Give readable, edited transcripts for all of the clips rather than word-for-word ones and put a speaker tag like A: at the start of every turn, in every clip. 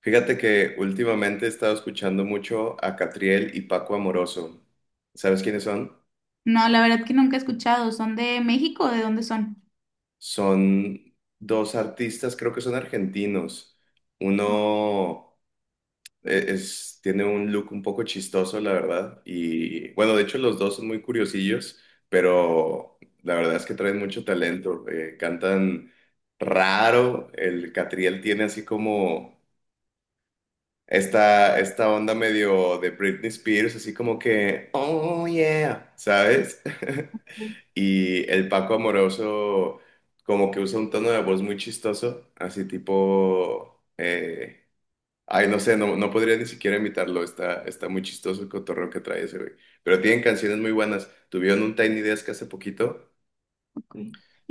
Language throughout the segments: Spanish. A: Fíjate que últimamente he estado escuchando mucho a Catriel y Paco Amoroso. ¿Sabes quiénes son?
B: No, la verdad que nunca he escuchado. ¿Son de México? O ¿de dónde son?
A: Son dos artistas, creo que son argentinos. Uno es, tiene un look un poco chistoso, la verdad. Y bueno, de hecho los dos son muy curiosillos, pero la verdad es que traen mucho talento. Cantan raro. El Catriel tiene así como... Esta onda medio de Britney Spears, así como que, oh yeah, ¿sabes?
B: Mm,
A: Y el Paco Amoroso como que usa un tono de voz muy chistoso, así tipo, ay, no sé, no, no podría ni siquiera imitarlo, está, está muy chistoso el cotorreo que trae ese güey. Pero tienen canciones muy buenas, tuvieron un Tiny Desk hace poquito,
B: ok.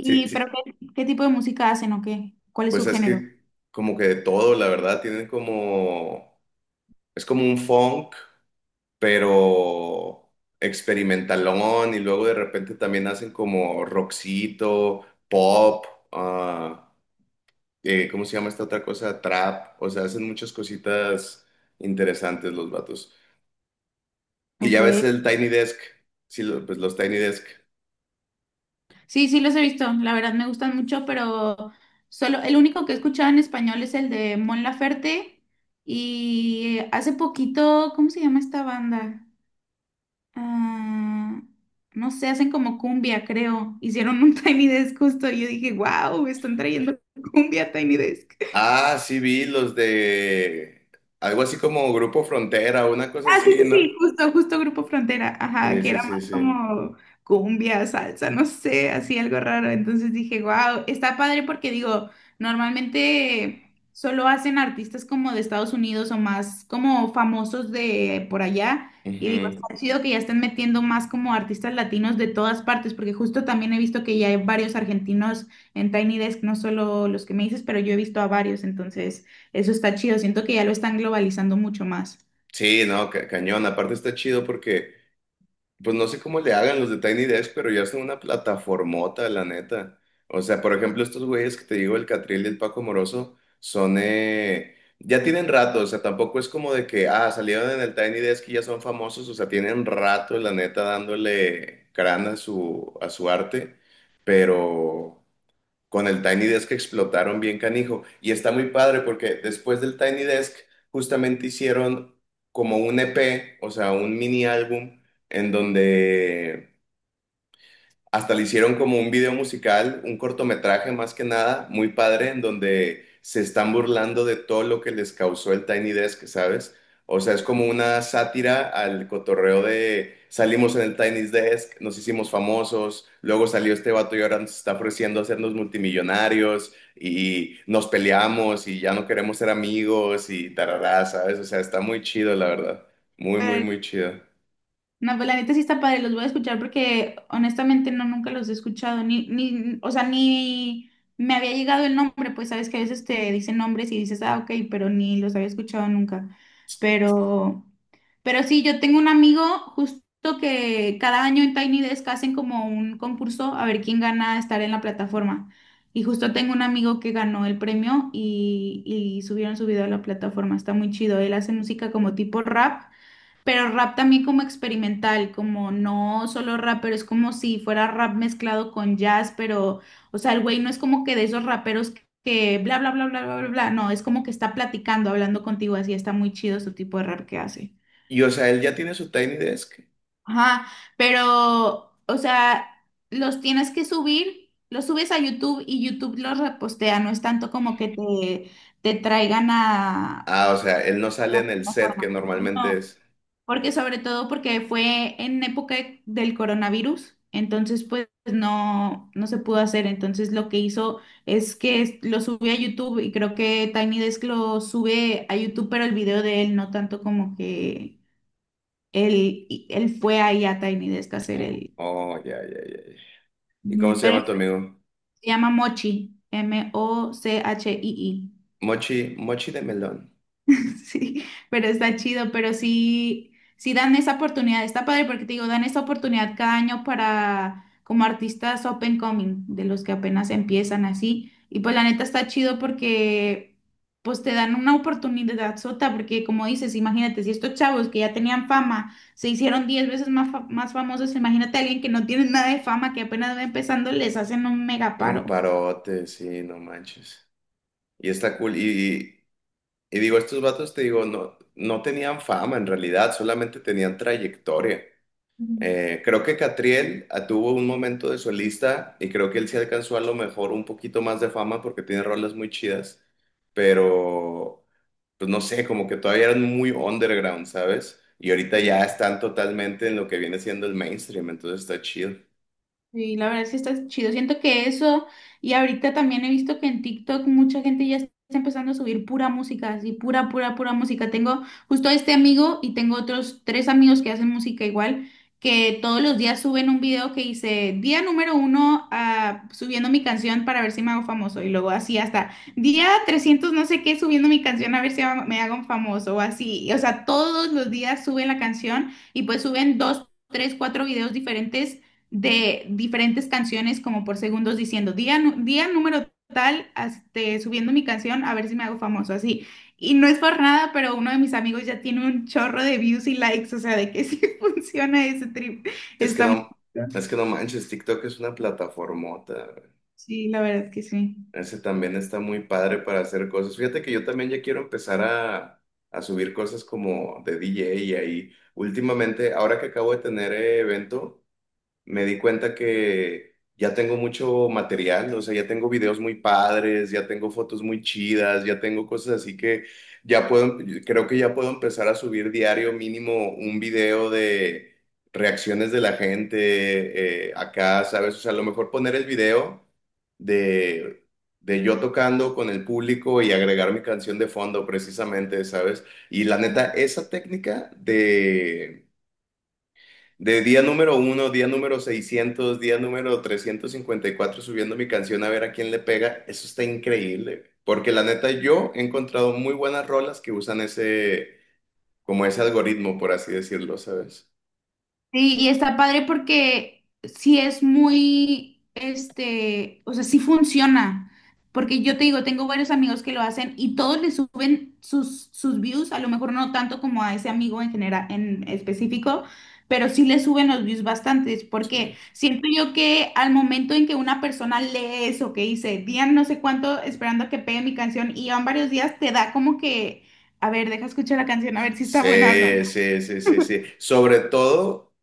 A: sí,
B: pero
A: sí,
B: qué tipo de música hacen o qué? ¿Cuál es
A: pues
B: su
A: es
B: género?
A: que como que de todo, la verdad, tienen como, es como un funk pero experimentalón y luego de repente también hacen como rockcito, pop, ah, ¿cómo se llama esta otra cosa? Trap, o sea, hacen muchas cositas interesantes los vatos. Y ya
B: Ok.
A: ves el Tiny Desk, sí, pues los Tiny Desk.
B: Sí, sí los he visto. La verdad me gustan mucho, pero solo el único que he escuchado en español es el de Mon Laferte y hace poquito, ¿cómo se llama esta banda? Ah, no sé, hacen como cumbia, creo. Hicieron un Tiny Desk justo y yo dije, wow, están trayendo cumbia a Tiny Desk.
A: Ah, sí vi los de algo así como Grupo Frontera, una cosa
B: Ah, sí,
A: así,
B: sí,
A: ¿no?
B: sí, justo Grupo Frontera, ajá,
A: Sí,
B: que
A: sí,
B: era
A: sí,
B: más
A: sí.
B: como cumbia, salsa, no sé, así algo raro. Entonces dije, wow, está padre porque digo, normalmente solo hacen artistas como de Estados Unidos o más como famosos de por allá. Y digo,
A: Ujú.
B: está chido que ya estén metiendo más como artistas latinos de todas partes, porque justo también he visto que ya hay varios argentinos en Tiny Desk, no solo los que me dices, pero yo he visto a varios, entonces eso está chido, siento que ya lo están globalizando mucho más.
A: Sí, no, cañón. Aparte está chido porque pues no sé cómo le hagan los de Tiny Desk, pero ya son una plataformota, la neta. O sea, por ejemplo, estos güeyes que te digo, el Catril y el Paco Moroso, son, ya tienen rato, o sea, tampoco es como de que, ah, salieron en el Tiny Desk y ya son famosos, o sea, tienen rato, la neta, dándole crán a su arte, pero con el Tiny Desk explotaron bien canijo. Y está muy padre porque después del Tiny Desk justamente hicieron como un EP, o sea, un mini álbum en donde hasta le hicieron como un video musical, un cortometraje más que nada, muy padre, en donde se están burlando de todo lo que les causó el Tiny Desk, ¿sabes? O sea, es como una sátira al cotorreo de salimos en el Tiny Desk, nos hicimos famosos, luego salió este vato y ahora nos está ofreciendo hacernos multimillonarios y nos peleamos y ya no queremos ser amigos y tarará, ¿sabes? O sea, está muy chido, la verdad. Muy, muy, muy chido.
B: No, pues la neta sí está padre, los voy a escuchar porque honestamente no, nunca los he escuchado, ni, o sea, ni me había llegado el nombre, pues sabes que a veces te dicen nombres y dices, ah, ok, pero ni los había escuchado nunca. Pero, pero sí, yo tengo un amigo justo que cada año en Tiny Desk hacen como un concurso a ver quién gana estar en la plataforma. Y justo tengo un amigo que ganó el premio y subieron su video a la plataforma, está muy chido, él hace música como tipo rap. Pero rap también como experimental, como no solo rap, pero es como si fuera rap mezclado con jazz, pero, o sea, el güey no es como que de esos raperos que bla, bla, bla, bla, bla, bla, bla, no, es como que está platicando, hablando contigo, así está muy chido su tipo de rap que hace.
A: Y o sea, él ya tiene su Tiny Desk.
B: Ajá, pero, o sea, los tienes que subir, los subes a YouTube y YouTube los repostea, no es tanto como que te traigan a
A: Ah, o sea, él no
B: a
A: sale
B: la
A: en el set que
B: plataforma.
A: normalmente
B: No.
A: es.
B: Porque sobre todo porque fue en época del coronavirus, entonces pues no, no se pudo hacer. Entonces lo que hizo es que lo subió a YouTube y creo que Tiny Desk lo sube a YouTube, pero el video de él no tanto como que él fue ahí a Tiny Desk a hacer el.
A: Oh, ya, ya, ya, ya. ¿Y cómo
B: Ujú,
A: se
B: pero
A: llama tu amigo?
B: se llama Mochi, Mochii.
A: Mochi, Mochi de melón.
B: Sí, pero está chido, pero sí, sí dan esa oportunidad, está padre porque te digo, dan esa oportunidad cada año para como artistas open coming, de los que apenas empiezan así, y pues la neta está chido porque pues te dan una oportunidad sota, porque como dices, imagínate, si estos chavos que ya tenían fama se hicieron 10 veces más, más famosos, imagínate a alguien que no tiene nada de fama, que apenas va empezando, les hacen un mega
A: Un
B: paro.
A: parote, sí, no manches. Y está cool. Y digo, estos vatos, te digo, no, no tenían fama en realidad, solamente tenían trayectoria.
B: Mm,
A: Creo que Catriel tuvo un momento de solista y creo que él sí alcanzó a lo mejor un poquito más de fama porque tiene rolas muy chidas, pero pues no sé, como que todavía eran muy underground, ¿sabes? Y ahorita
B: sí.
A: ya están totalmente en lo que viene siendo el mainstream, entonces está chido.
B: Sí, la verdad es que está chido. Siento que eso, y ahorita también he visto que en TikTok mucha gente ya está empezando a subir pura música, así pura, pura, pura música. Tengo justo a este amigo y tengo otros tres amigos que hacen música igual, que todos los días suben un video que dice día número 1 subiendo mi canción para ver si me hago famoso. Y luego así hasta día 300 no sé qué subiendo mi canción a ver si me hago un famoso o así. O sea, todos los días suben la canción y pues suben dos, tres, cuatro videos diferentes de diferentes canciones como por segundos diciendo día, día número tal, este, subiendo mi canción a ver si me hago famoso, así. Y no es por nada, pero uno de mis amigos ya tiene un chorro de views y likes, o sea, de que sí funciona ese trip.
A: Es que
B: Está
A: no,
B: muy,
A: es que no manches, TikTok es una plataformota, güey.
B: sí, la verdad que sí.
A: Ese también está muy padre para hacer cosas. Fíjate que yo también ya quiero empezar a subir cosas como de DJ y ahí. Últimamente, ahora que acabo de tener evento, me di cuenta que ya tengo mucho material, o sea, ya tengo videos muy padres, ya tengo fotos muy chidas, ya tengo cosas así que ya puedo, creo que ya puedo empezar a subir diario mínimo un video de reacciones de la gente acá, ¿sabes? O sea, a lo mejor poner el video de, de yo tocando con el público y agregar mi canción de fondo precisamente, ¿sabes? Y la neta, esa técnica de día número uno, día número 600, día número 354 subiendo mi canción a ver a quién le pega, eso está increíble. Porque la neta, yo he encontrado muy buenas rolas que usan ese, como ese algoritmo, por así decirlo, ¿sabes?
B: Sí, y está padre porque sí es muy, este, o sea, sí funciona. Porque yo te digo, tengo varios amigos que lo hacen y todos le suben sus, sus views, a lo mejor no tanto como a ese amigo en general, en específico, pero sí le suben los views bastantes, porque siento yo que al momento en que una persona lee eso que dice, día no sé cuánto esperando a que pegue mi canción y van varios días, te da como que, a ver, deja escuchar la canción, a ver si está buena o
A: Sí,
B: no.
A: sí, sí, sí, sí, sí. Sobre todo,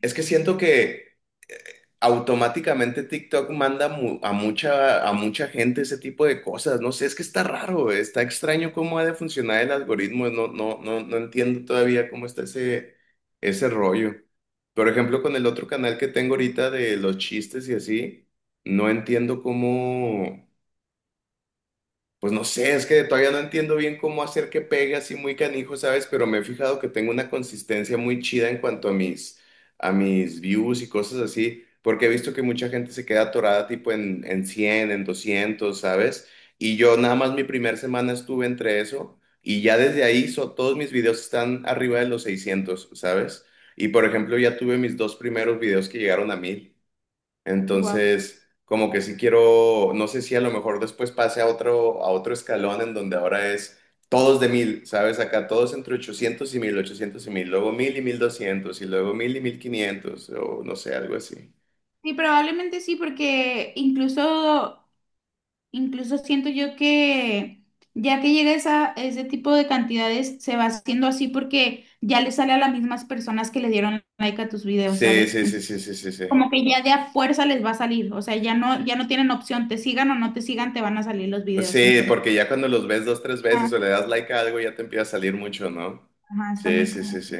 A: es que siento que automáticamente TikTok manda a mucha gente ese tipo de cosas. No sé, es que está raro, está extraño cómo ha de funcionar el algoritmo. No, no, no, no entiendo todavía cómo está ese, ese rollo. Por ejemplo, con el otro canal que tengo ahorita de los chistes y así, no entiendo cómo. Pues no sé, es que todavía no entiendo bien cómo hacer que pegue así muy canijo, ¿sabes? Pero me he fijado que tengo una consistencia muy chida en cuanto a mis views y cosas así, porque he visto que mucha gente se queda atorada tipo en 100, en 200, ¿sabes? Y yo nada más mi primera semana estuve entre eso y ya desde ahí todos mis videos están arriba de los 600, ¿sabes? Y por ejemplo ya tuve mis dos primeros videos que llegaron a 1,000.
B: Guau.
A: Entonces, como que sí quiero, no sé si a lo mejor después pase a otro escalón en donde ahora es todos de 1,000, ¿sabes? Acá todos entre 800 y 1,000, 800 y mil, luego 1,000 y 1,200 y luego 1,000 y 1,500 o no sé, algo así.
B: Sí, probablemente sí, porque incluso siento yo que ya que llega esa, ese tipo de cantidades, se va haciendo así porque ya le sale a las mismas personas que le dieron like a tus videos,
A: Sí,
B: ¿sabes?
A: sí, sí,
B: Entonces,
A: sí, sí, sí, sí.
B: como que ya de a fuerza les va a salir, o sea, ya no tienen opción, te sigan o no te sigan, te van a salir los videos.
A: Sí,
B: Entonces,
A: porque ya cuando los ves dos, tres veces o le
B: ah,
A: das like a algo ya te empieza a salir mucho, ¿no?
B: ajá, está
A: Sí,
B: muy
A: sí, sí,
B: cómodo.
A: sí.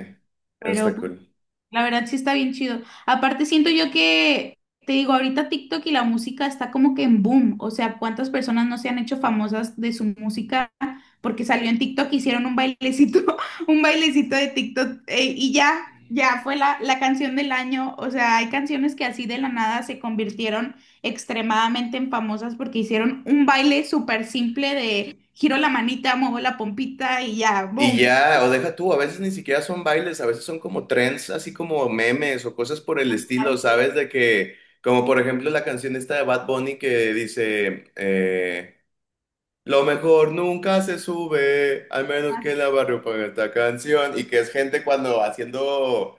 A: Eso
B: Pero
A: está
B: pues,
A: cool.
B: la verdad sí está bien chido. Aparte siento yo que, te digo, ahorita TikTok y la música está como que en boom. O sea, ¿cuántas personas no se han hecho famosas de su música? Porque salió en TikTok, hicieron un bailecito, un bailecito de TikTok y ya, ya fue la canción del año. O sea, hay canciones que así de la nada se convirtieron extremadamente en famosas porque hicieron un baile súper simple de giro la manita, muevo la pompita y ya,
A: Y
B: boom.
A: ya, o deja tú, a veces ni siquiera son bailes, a veces son como trends, así como memes o cosas por el estilo,
B: Así.
A: ¿sabes? De que, como por ejemplo la canción esta de Bad Bunny que dice, lo mejor nunca se sube, al menos que la barrio ponga esta canción. Y que es gente cuando haciendo,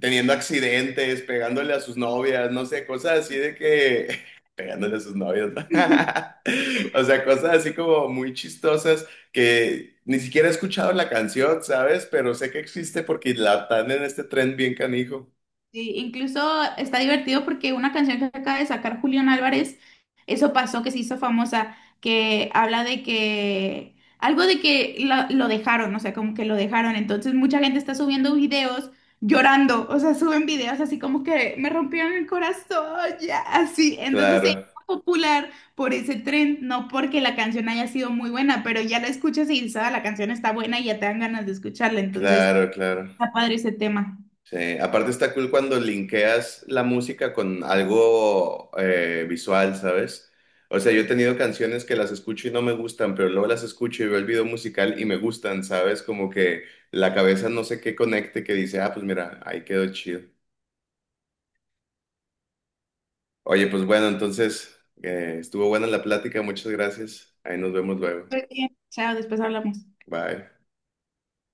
A: teniendo accidentes, pegándole a sus novias, no sé, cosas así de que, pegándole a sus novias, ¿no? O sea, cosas así como muy chistosas que ni siquiera he escuchado la canción, ¿sabes? Pero sé que existe porque la están en este tren bien canijo.
B: Sí, incluso está divertido porque una canción que acaba de sacar Julián Álvarez, eso pasó que se hizo famosa, que habla de que algo de que lo, dejaron, o sea, como que lo dejaron. Entonces mucha gente está subiendo videos llorando, o sea, suben videos así como que me rompieron el corazón, ya, así. Entonces se
A: Claro,
B: hizo popular por ese tren, no porque la canción haya sido muy buena, pero ya la escuchas y dices: "Ah, la canción está buena y ya te dan ganas de escucharla". Entonces
A: claro, claro.
B: está padre ese tema.
A: Sí, aparte está cool cuando linkeas la música con algo visual, ¿sabes? O sea, yo he tenido canciones que las escucho y no me gustan, pero luego las escucho y veo el video musical y me gustan, ¿sabes? Como que la cabeza no sé qué conecte que dice, ah, pues mira, ahí quedó chido. Oye, pues bueno, entonces estuvo buena la plática, muchas gracias. Ahí nos vemos luego.
B: Muy bien. Chao, después hablamos.
A: Bye.